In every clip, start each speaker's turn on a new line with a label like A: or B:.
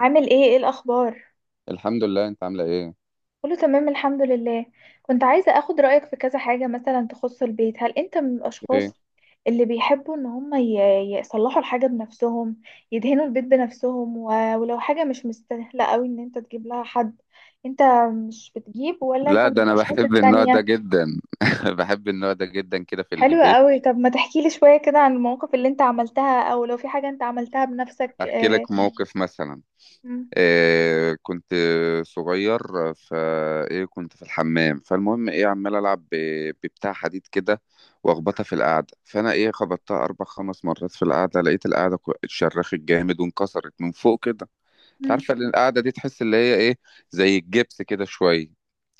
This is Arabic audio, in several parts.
A: عامل ايه ايه الاخبار؟
B: الحمد لله. انت عامله ايه
A: كله تمام الحمد لله. كنت عايزة اخد رأيك في كذا حاجة مثلا تخص البيت. هل انت من
B: ايه
A: الاشخاص اللي بيحبوا ان هم يصلحوا الحاجة بنفسهم، يدهنوا البيت بنفسهم، ولو حاجة مش مستاهلة قوي ان انت تجيب لها حد؟ انت مش بتجيب، ولا انت
B: لا،
A: من
B: ده انا
A: الاشخاص
B: بحب النوع ده
A: التانية؟
B: جدا. بحب النوع ده جدا كده في
A: حلوة
B: البيت.
A: قوي. طب ما تحكي لي شوية كده عن المواقف اللي انت عملتها، او لو في حاجة انت عملتها بنفسك.
B: احكي
A: اه.
B: لك موقف مثلا.
A: مم.
B: إيه، كنت صغير، فايه كنت في الحمام، فالمهم ايه عمال العب ببتاع حديد كده واخبطها في القعده، فانا ايه خبطتها اربع خمس مرات في القعده، لقيت القعده اتشرخت جامد وانكسرت من فوق كده. انت
A: مم.
B: عارفه ان القعده دي تحس اللي هي ايه، زي الجبس كده شويه.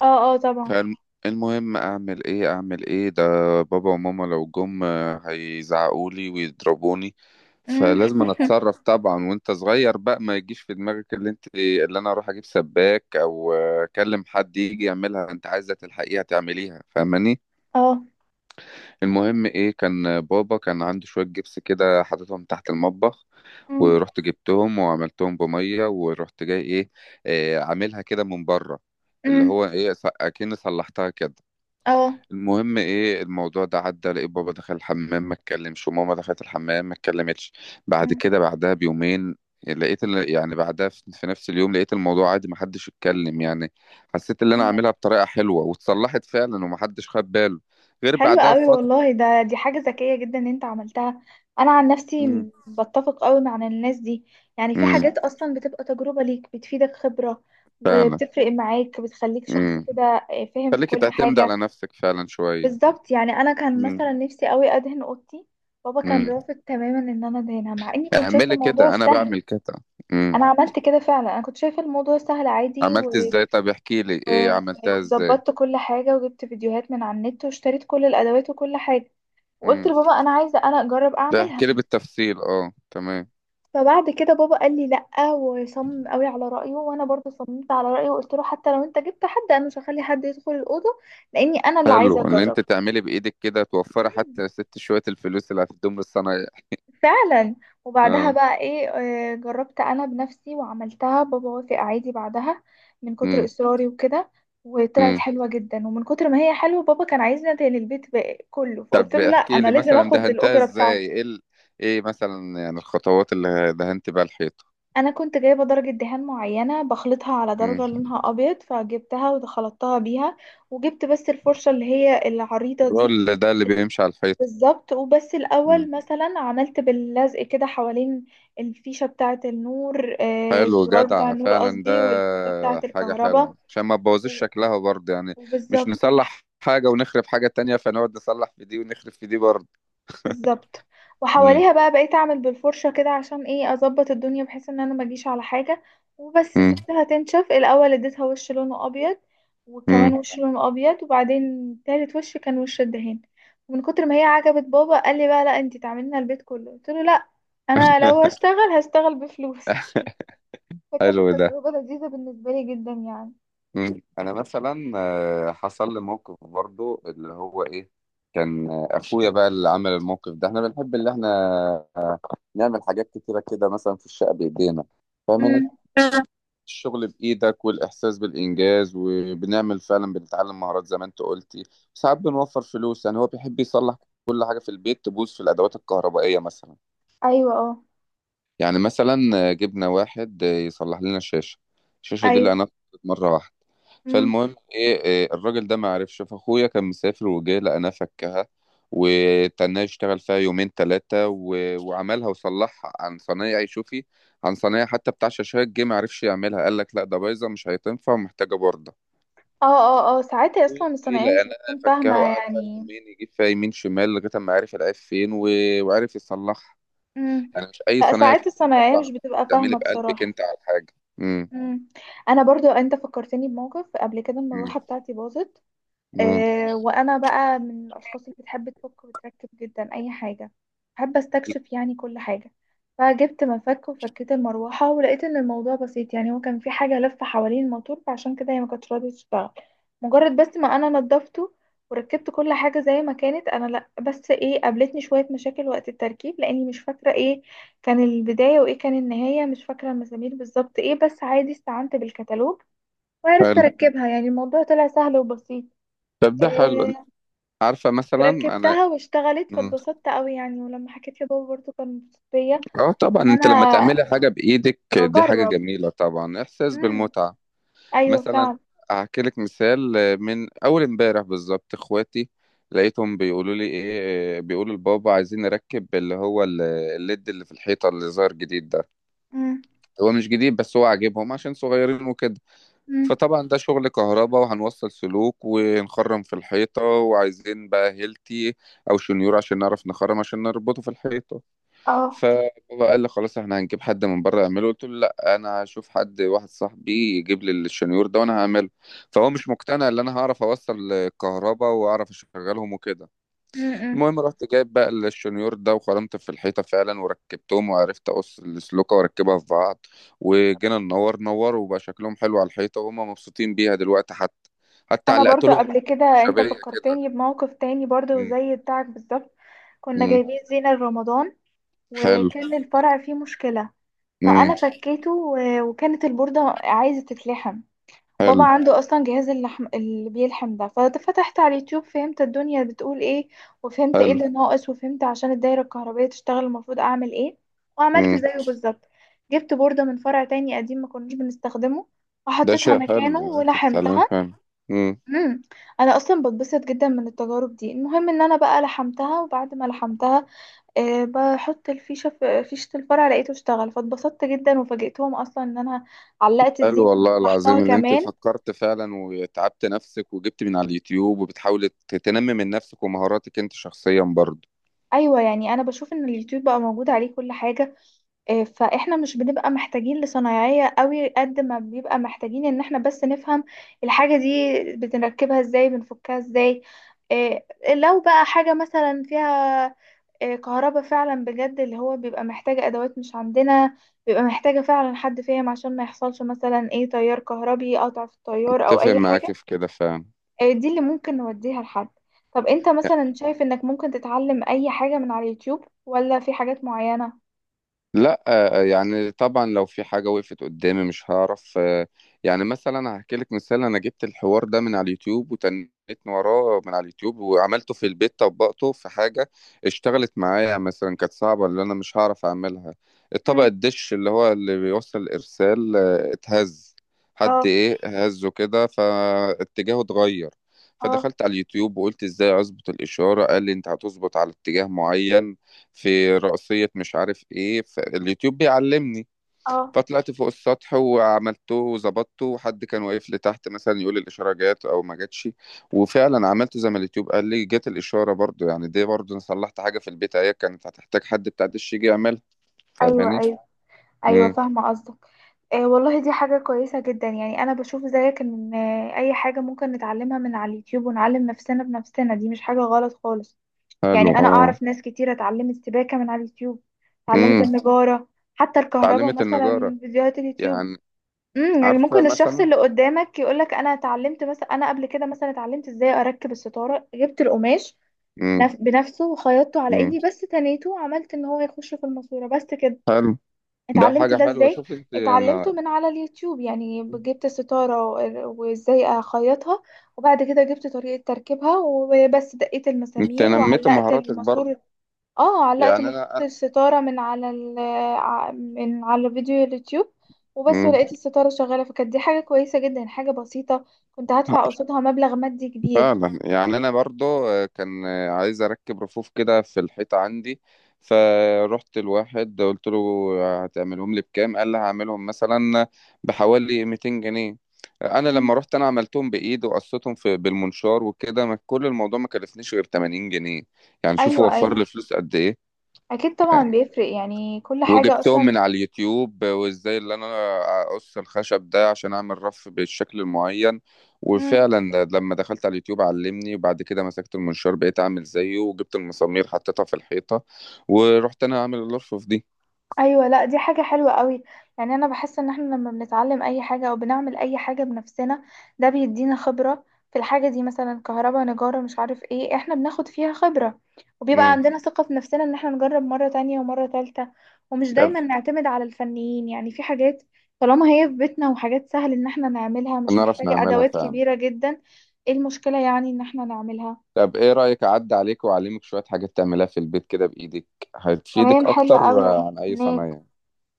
A: اه. آه طبعا.
B: فالمهم اعمل ايه ده؟ بابا وماما لو جم هيزعقولي ويضربوني،
A: مم.
B: فلازم انا اتصرف. طبعا وانت صغير بقى ما يجيش في دماغك اللي انت اللي انا اروح اجيب سباك او اكلم حد يجي يعملها، انت عايزه تلحقيها تعمليها، فاهماني.
A: اه.
B: المهم ايه، كان بابا كان عنده شويه جبس كده حاططهم تحت المطبخ،
A: مم.
B: ورحت جبتهم وعملتهم بميه ورحت جاي ايه، عاملها كده من بره، اللي
A: مم.
B: هو ايه، اكني صلحتها كده.
A: اه.
B: المهم ايه، الموضوع ده عدى، لقيت بابا دخل الحمام ما اتكلمش، وماما دخلت الحمام ما اتكلمتش. بعد
A: مم.
B: كده، بعدها بيومين، لقيت يعني بعدها في نفس اليوم، لقيت الموضوع عادي ما حدش اتكلم يعني. حسيت اللي انا
A: مم.
B: عاملها بطريقة حلوة واتصلحت فعلا وما حدش خد باله غير
A: حلو
B: بعدها
A: قوي
B: بفترة.
A: والله، ده دي حاجة ذكية جدا ان انت عملتها. انا عن
B: امم.
A: نفسي بتفق قوي مع الناس دي. يعني في
B: امم.
A: حاجات اصلا بتبقى تجربة ليك، بتفيدك خبرة،
B: فعلا.
A: وبتفرق معاك، بتخليك شخص
B: امم.
A: كده فاهم في
B: خليك
A: كل
B: تعتمد على
A: حاجة.
B: نفسك فعلا شوية.
A: بالظبط. يعني انا كان
B: امم.
A: مثلا نفسي قوي ادهن اوضتي. بابا كان
B: امم.
A: رافض تماما ان انا ادهنها، مع اني كنت شايفة
B: اعملي
A: الموضوع
B: كده، انا
A: سهل.
B: بعمل كده. امم.
A: انا عملت كده فعلا، انا كنت شايفة الموضوع سهل عادي
B: عملت ازاي؟ طب احكي لي،
A: و...
B: ايه عملتها ازاي؟
A: وظبطت كل حاجة، وجبت فيديوهات من على النت، واشتريت كل الادوات وكل حاجة. وقلت
B: مم.
A: لبابا انا عايزه انا اجرب
B: ده
A: اعملها.
B: احكي لي بالتفصيل. اه تمام.
A: فبعد كده بابا قال لي لا، وصمم قوي على رايه، وانا برضو صممت على رايه، وقلت له حتى لو انت جبت حد انا مش هخلي حد يدخل الاوضه، لاني انا اللي عايزه
B: حلو ان انت
A: اجرب.
B: تعملي بايدك كده، توفري
A: مم.
B: حتى ست شويه الفلوس اللي هتدوم للصنايعي.
A: فعلا. وبعدها
B: اه.
A: بقى ايه، جربت انا بنفسي وعملتها. بابا وافق عادي بعدها، من كتر
B: امم.
A: اصراري وكده. وطلعت
B: امم.
A: حلوه جدا، ومن كتر ما هي حلوه بابا كان عايزنا تاني البيت بقى كله، فقلت
B: طب
A: له لا
B: احكي
A: انا
B: لي
A: لازم
B: مثلا
A: اخد
B: دهنتها
A: الاجره
B: ازاي،
A: بتاعتي
B: ايه ايه مثلا يعني الخطوات اللي دهنت بيها الحيطه؟
A: انا كنت جايبه درجه دهان معينه بخلطها على درجه
B: امم.
A: لونها ابيض فجبتها وخلطتها بيها وجبت بس الفرشه اللي هي العريضه دي
B: الرول ده اللي بيمشي على الحيطه؟
A: بالظبط وبس
B: امم.
A: الاول مثلا عملت باللزق كده حوالين الفيشه بتاعه النور آه
B: حلو
A: الزرار بتاع
B: جدع
A: النور
B: فعلا ده.
A: قصدي والفيشه بتاعه
B: حاجه
A: الكهرباء
B: حلوه عشان ما تبوظيش
A: و-
B: شكلها برضه يعني. مش
A: وبالظبط
B: نصلح حاجه ونخرب حاجه تانية، فنقعد نصلح في دي ونخرب في دي برضه.
A: بالظبط
B: امم.
A: وحواليها بقى بقيت اعمل بالفرشة كده عشان ايه اظبط الدنيا بحيث ان انا ما اجيش على حاجة وبس
B: امم.
A: سبتها تنشف الاول اديتها وش لونه ابيض وكمان
B: امم.
A: وش لونه ابيض وبعدين تالت وش كان وش الدهان ومن كتر ما هي عجبت بابا قال لي بقى لا انتي تعملينا البيت كله قلت له لا، انا لو هشتغل هشتغل بفلوس. فكانت
B: حلو ده.
A: تجربة لذيذة بالنسبة لي جدا يعني.
B: مم. انا مثلا حصل لي موقف برضو، اللي هو ايه، كان اخويا بقى اللي عمل الموقف ده. احنا بنحب اللي احنا نعمل حاجات كتيره كده مثلا في الشقه بايدينا، فاهمني.
A: امم.
B: الشغل بايدك والاحساس بالانجاز، وبنعمل فعلا، بنتعلم مهارات زي ما انت قلتي. ساعات بنوفر فلوس، يعني هو بيحب يصلح كل حاجه في البيت تبوظ في الادوات الكهربائيه مثلا.
A: ايوه اه.
B: يعني مثلا جبنا واحد يصلح لنا الشاشة، الشاشة دي اللي
A: ايوه.
B: أنا مرة واحدة،
A: امم.
B: فالمهم إيه إيه، الراجل ده ما عرفش، فأخويا كان مسافر وجه لقناها فكها وتناه يشتغل فيها يومين تلاتة وعملها وصلحها عن صنايعي، شوفي، عن صنايعي، حتى بتاع شاشات جه ما عرفش يعملها، قال لك لا ده بايظة مش هتنفع ومحتاجة بوردة.
A: اه اه اه، ساعتها اصلا
B: أخويا جه
A: الصناعية مش
B: لقناها
A: بتكون فاهمة
B: فكها وقعد فيها
A: يعني.
B: يومين يجيب فيها يمين شمال لغاية ما عرف العيب فين وعرف يصلحها.
A: امم.
B: انا مش اي
A: لا،
B: صينيه عشان
A: ساعات الصنايعية
B: برضه
A: مش
B: انا
A: بتبقى
B: بتعملي
A: فاهمة
B: بقلبك
A: بصراحة.
B: انت على الحاجه. امم.
A: امم. انا برضو انت فكرتني بموقف قبل كده.
B: امم.
A: المروحة بتاعتي باظت،
B: امم.
A: وانا بقى من الاشخاص اللي بتحب تفك وتركب جدا اي حاجه. بحب استكشف يعني كل حاجه. فجبت مفك وفكيت المروحه، ولقيت ان الموضوع بسيط. يعني هو كان في حاجه لفه حوالين الموتور، فعشان كده هي ما كانتش راضيه تشتغل. مجرد بس ما انا نضفته وركبت كل حاجه زي ما كانت. انا لا بس ايه، قابلتني شويه مشاكل وقت التركيب، لاني مش فاكره ايه كان البدايه وايه كان النهايه، مش فاكره المسامير بالظبط ايه، بس عادي استعنت بالكتالوج وعرفت
B: حلو.
A: اركبها. يعني الموضوع طلع سهل وبسيط.
B: طب ده حلو.
A: آه،
B: عارفه مثلا انا.
A: وركبتها واشتغلت،
B: مم.
A: فاتبسطت قوي يعني. ولما حكيت لبابا برضو كان مبسوط بيا
B: اه طبعا،
A: ان
B: انت لما
A: انا
B: تعملي حاجه بايدك دي حاجه
A: بجرب.
B: جميله، طبعا احساس
A: امم.
B: بالمتعه.
A: ايوه
B: مثلا
A: فعلا.
B: احكي لك مثال، من اول امبارح بالظبط اخواتي لقيتهم بيقولوا لي ايه، بيقولوا لبابا عايزين نركب اللي هو الليد اللي في الحيطه اللي ظهر جديد ده.
A: امم.
B: هو مش جديد بس هو عاجبهم عشان صغيرين وكده.
A: امم.
B: فطبعا ده شغل كهرباء، وهنوصل سلوك ونخرم في الحيطة، وعايزين بقى هيلتي أو شنيور عشان نعرف نخرم عشان نربطه في الحيطة.
A: اه.
B: فبابا قال لي خلاص احنا هنجيب حد من بره يعمله، قلت له لا، أنا هشوف حد واحد صاحبي يجيب لي الشنيور ده وأنا هعمله. فهو مش مقتنع إن أنا هعرف أوصل كهرباء وأعرف أشغلهم وكده.
A: امم.
B: المهم رحت جايب بقى الشنيور ده وخرمت في الحيطة فعلا وركبتهم، وعرفت أقص السلوكة وأركبها في بعض، وجينا ننور نور وبقى شكلهم حلو على الحيطة، وهم مبسوطين بيها دلوقتي حتى، حتى
A: انا
B: علقت
A: برضو
B: لهم
A: قبل كده انت
B: شبابية كده.
A: فكرتني بموقف تاني برضو
B: مم.
A: زي بتاعك بالظبط. كنا
B: مم.
A: جايبين زينة لرمضان،
B: حلو.
A: وكان الفرع فيه مشكلة.
B: مم.
A: فانا فكيته، وكانت البوردة عايزة تتلحم. بابا
B: حلو.
A: عنده اصلا جهاز اللحم اللي بيلحم ده. ففتحت على اليوتيوب، فهمت الدنيا بتقول ايه، وفهمت ايه
B: حلو.
A: اللي ناقص، وفهمت عشان الدايره الكهربائيه تشتغل المفروض اعمل ايه. وعملت
B: مم.
A: زيه بالظبط. جبت بورده من فرع تاني قديم ما كناش بنستخدمه،
B: ده
A: وحطيتها
B: شيء حلو
A: مكانه
B: إن أنت تتعلمي
A: ولحمتها.
B: فعلا. مم.
A: امم. انا اصلا بتبسط جدا من التجارب دي. المهم ان انا بقى لحمتها، وبعد ما لحمتها أه بحط الفيشه في فيشه الفرع، لقيته اشتغل، فاتبسطت جدا وفاجئتهم. اصلا ان انا علقت
B: حلو
A: الزين
B: والله
A: لحظتها
B: العظيم، اللي أنت
A: كمان.
B: فكرت فعلا وتعبت نفسك وجبت من على اليوتيوب، وبتحاولي تنمي من نفسك ومهاراتك أنت شخصيا برضه.
A: ايوه، يعني انا بشوف ان اليوتيوب بقى موجود عليه كل حاجه. فاحنا مش بنبقى محتاجين لصنايعيه قوي، قد ما بيبقى محتاجين ان احنا بس نفهم الحاجه دي بنركبها ازاي، بنفكها ازاي. آه، لو بقى حاجه مثلا فيها كهرباء فعلا بجد، اللي هو بيبقى محتاجه ادوات مش عندنا، بيبقى محتاجه فعلا حد فاهم، عشان ما يحصلش مثلا ايه تيار كهربي، قطع في التيار او
B: أتفق
A: اي حاجه.
B: معاك في كده فعلا.
A: دي اللي ممكن نوديها لحد. طب انت مثلا شايف انك ممكن تتعلم اي حاجة من على اليوتيوب، ولا في حاجات معينة؟
B: لا يعني طبعا لو في حاجة وقفت قدامي مش هعرف يعني مثلا هحكي لك مثال، أنا جبت الحوار ده من على اليوتيوب وتنيت وراه من على اليوتيوب، وعملته في البيت، طبقته في حاجة اشتغلت معايا، مثلا كانت صعبة اللي أنا مش هعرف أعملها. الطبق
A: مم.
B: الدش اللي هو اللي بيوصل الإرسال اتهز، حد
A: اه
B: إيه هزه كده فاتجاهه اتغير،
A: اه
B: فدخلت على اليوتيوب وقلت ازاي اظبط الاشاره، قال لي انت هتظبط على اتجاه معين في رأسية مش عارف ايه، فاليوتيوب بيعلمني،
A: اه.
B: فطلعت فوق السطح وعملته وظبطته، وحد كان واقف لي تحت مثلا يقول لي الإشارة جات أو ما جاتش، وفعلا عملت زي ما اليوتيوب قال لي، جات الإشارة برضو. يعني دي برضو أنا صلحت حاجة في البيت أهي كانت هتحتاج حد بتاع دش يجي يعملها،
A: ايوه
B: فاهماني؟
A: ايوه. ايوه
B: امم.
A: فاهمة قصدك. آه والله دي حاجة كويسة جدا. يعني انا بشوف زيك ان اي حاجة ممكن نتعلمها من على اليوتيوب، ونعلم نفسنا بنفسنا، دي مش حاجة غلط خالص.
B: حلو.
A: يعني انا
B: اه.
A: اعرف ناس كتيرة اتعلمت سباكة من على اليوتيوب، اتعلمت
B: امم.
A: النجارة، حتى الكهرباء
B: اتعلمت
A: مثلا
B: النجارة
A: من فيديوهات اليوتيوب.
B: يعني.
A: امم. يعني
B: عارفة
A: ممكن الشخص
B: مثلا.
A: اللي قدامك يقولك انا اتعلمت مثلا. انا قبل كده مثلا اتعلمت ازاي اركب الستاره، جبت القماش
B: امم.
A: بنفسه وخيطته على
B: امم.
A: ايدي، بس تنيته وعملت ان هو يخش في الماسوره بس كده.
B: حلو. ده
A: اتعلمت
B: حاجة
A: ده
B: حلوة،
A: ازاي؟
B: شوف انت
A: اتعلمته
B: انا،
A: من على اليوتيوب. يعني جبت الستاره وازاي اخيطها، وبعد كده جبت طريقه تركيبها، وبس دقيت
B: انت
A: المسامير
B: نميت
A: وعلقت
B: مهاراتك برضه،
A: الماسور. اه علقت
B: يعني
A: مفك
B: انا.
A: الستارة من على من على فيديو اليوتيوب وبس.
B: امم.
A: ولقيت الستارة شغالة، فكانت دي حاجة كويسة جدا، حاجة بسيطة كنت هدفع قصادها مبلغ مادي كبير.
B: فعلا. يعني انا برضو كان عايز اركب رفوف كده في الحيطه عندي، فروحت الواحد قلت له هتعملهم لي بكام؟ قال لي هعملهم مثلا بحوالي 200 جنيه. انا
A: مم.
B: لما رحت انا عملتهم بايد وقصتهم في بالمنشار وكده، كل الموضوع ما كلفنيش غير 80 جنيه. يعني شوف
A: ايوه
B: وفر
A: ايوه.
B: لي فلوس قد ايه.
A: اكيد طبعا
B: يعني
A: بيفرق يعني كل حاجة
B: وجبتهم
A: اصلا.
B: من على اليوتيوب وازاي اللي انا اقص الخشب ده عشان اعمل رف بالشكل المعين،
A: مم.
B: وفعلا لما دخلت على اليوتيوب علمني، وبعد كده مسكت المنشار بقيت اعمل زيه، وجبت المسامير حطيتها في الحيطة ورحت انا اعمل الرف دي.
A: ايوه. لا دي حاجه حلوه قوي. يعني انا بحس ان احنا لما بنتعلم اي حاجه او بنعمل اي حاجه بنفسنا، ده بيدينا خبره في الحاجه دي، مثلا كهرباء، نجاره، مش عارف ايه، احنا بناخد فيها خبره. وبيبقى
B: مم.
A: عندنا ثقه في نفسنا ان احنا نجرب مره تانية ومره تالتة، ومش
B: طب
A: دايما نعتمد على الفنيين، يعني في حاجات طالما هي في بيتنا وحاجات سهل ان احنا نعملها، مش
B: نعرف
A: محتاجه
B: نعملها
A: ادوات
B: فعلا.
A: كبيره جدا، ايه المشكله يعني ان احنا نعملها.
B: طب ايه رأيك اعدي عليك واعلمك شوية حاجات تعملها في البيت كده بايدك،
A: تمام
B: هتفيدك
A: حلوه
B: اكتر
A: قوي
B: عن اي
A: هستناك.
B: صنايع.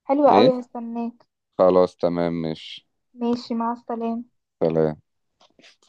A: حلوه
B: ايه.
A: قوي هستناك.
B: خلاص، تمام، ماشي.
A: ماشي مع السلامه.
B: سلام.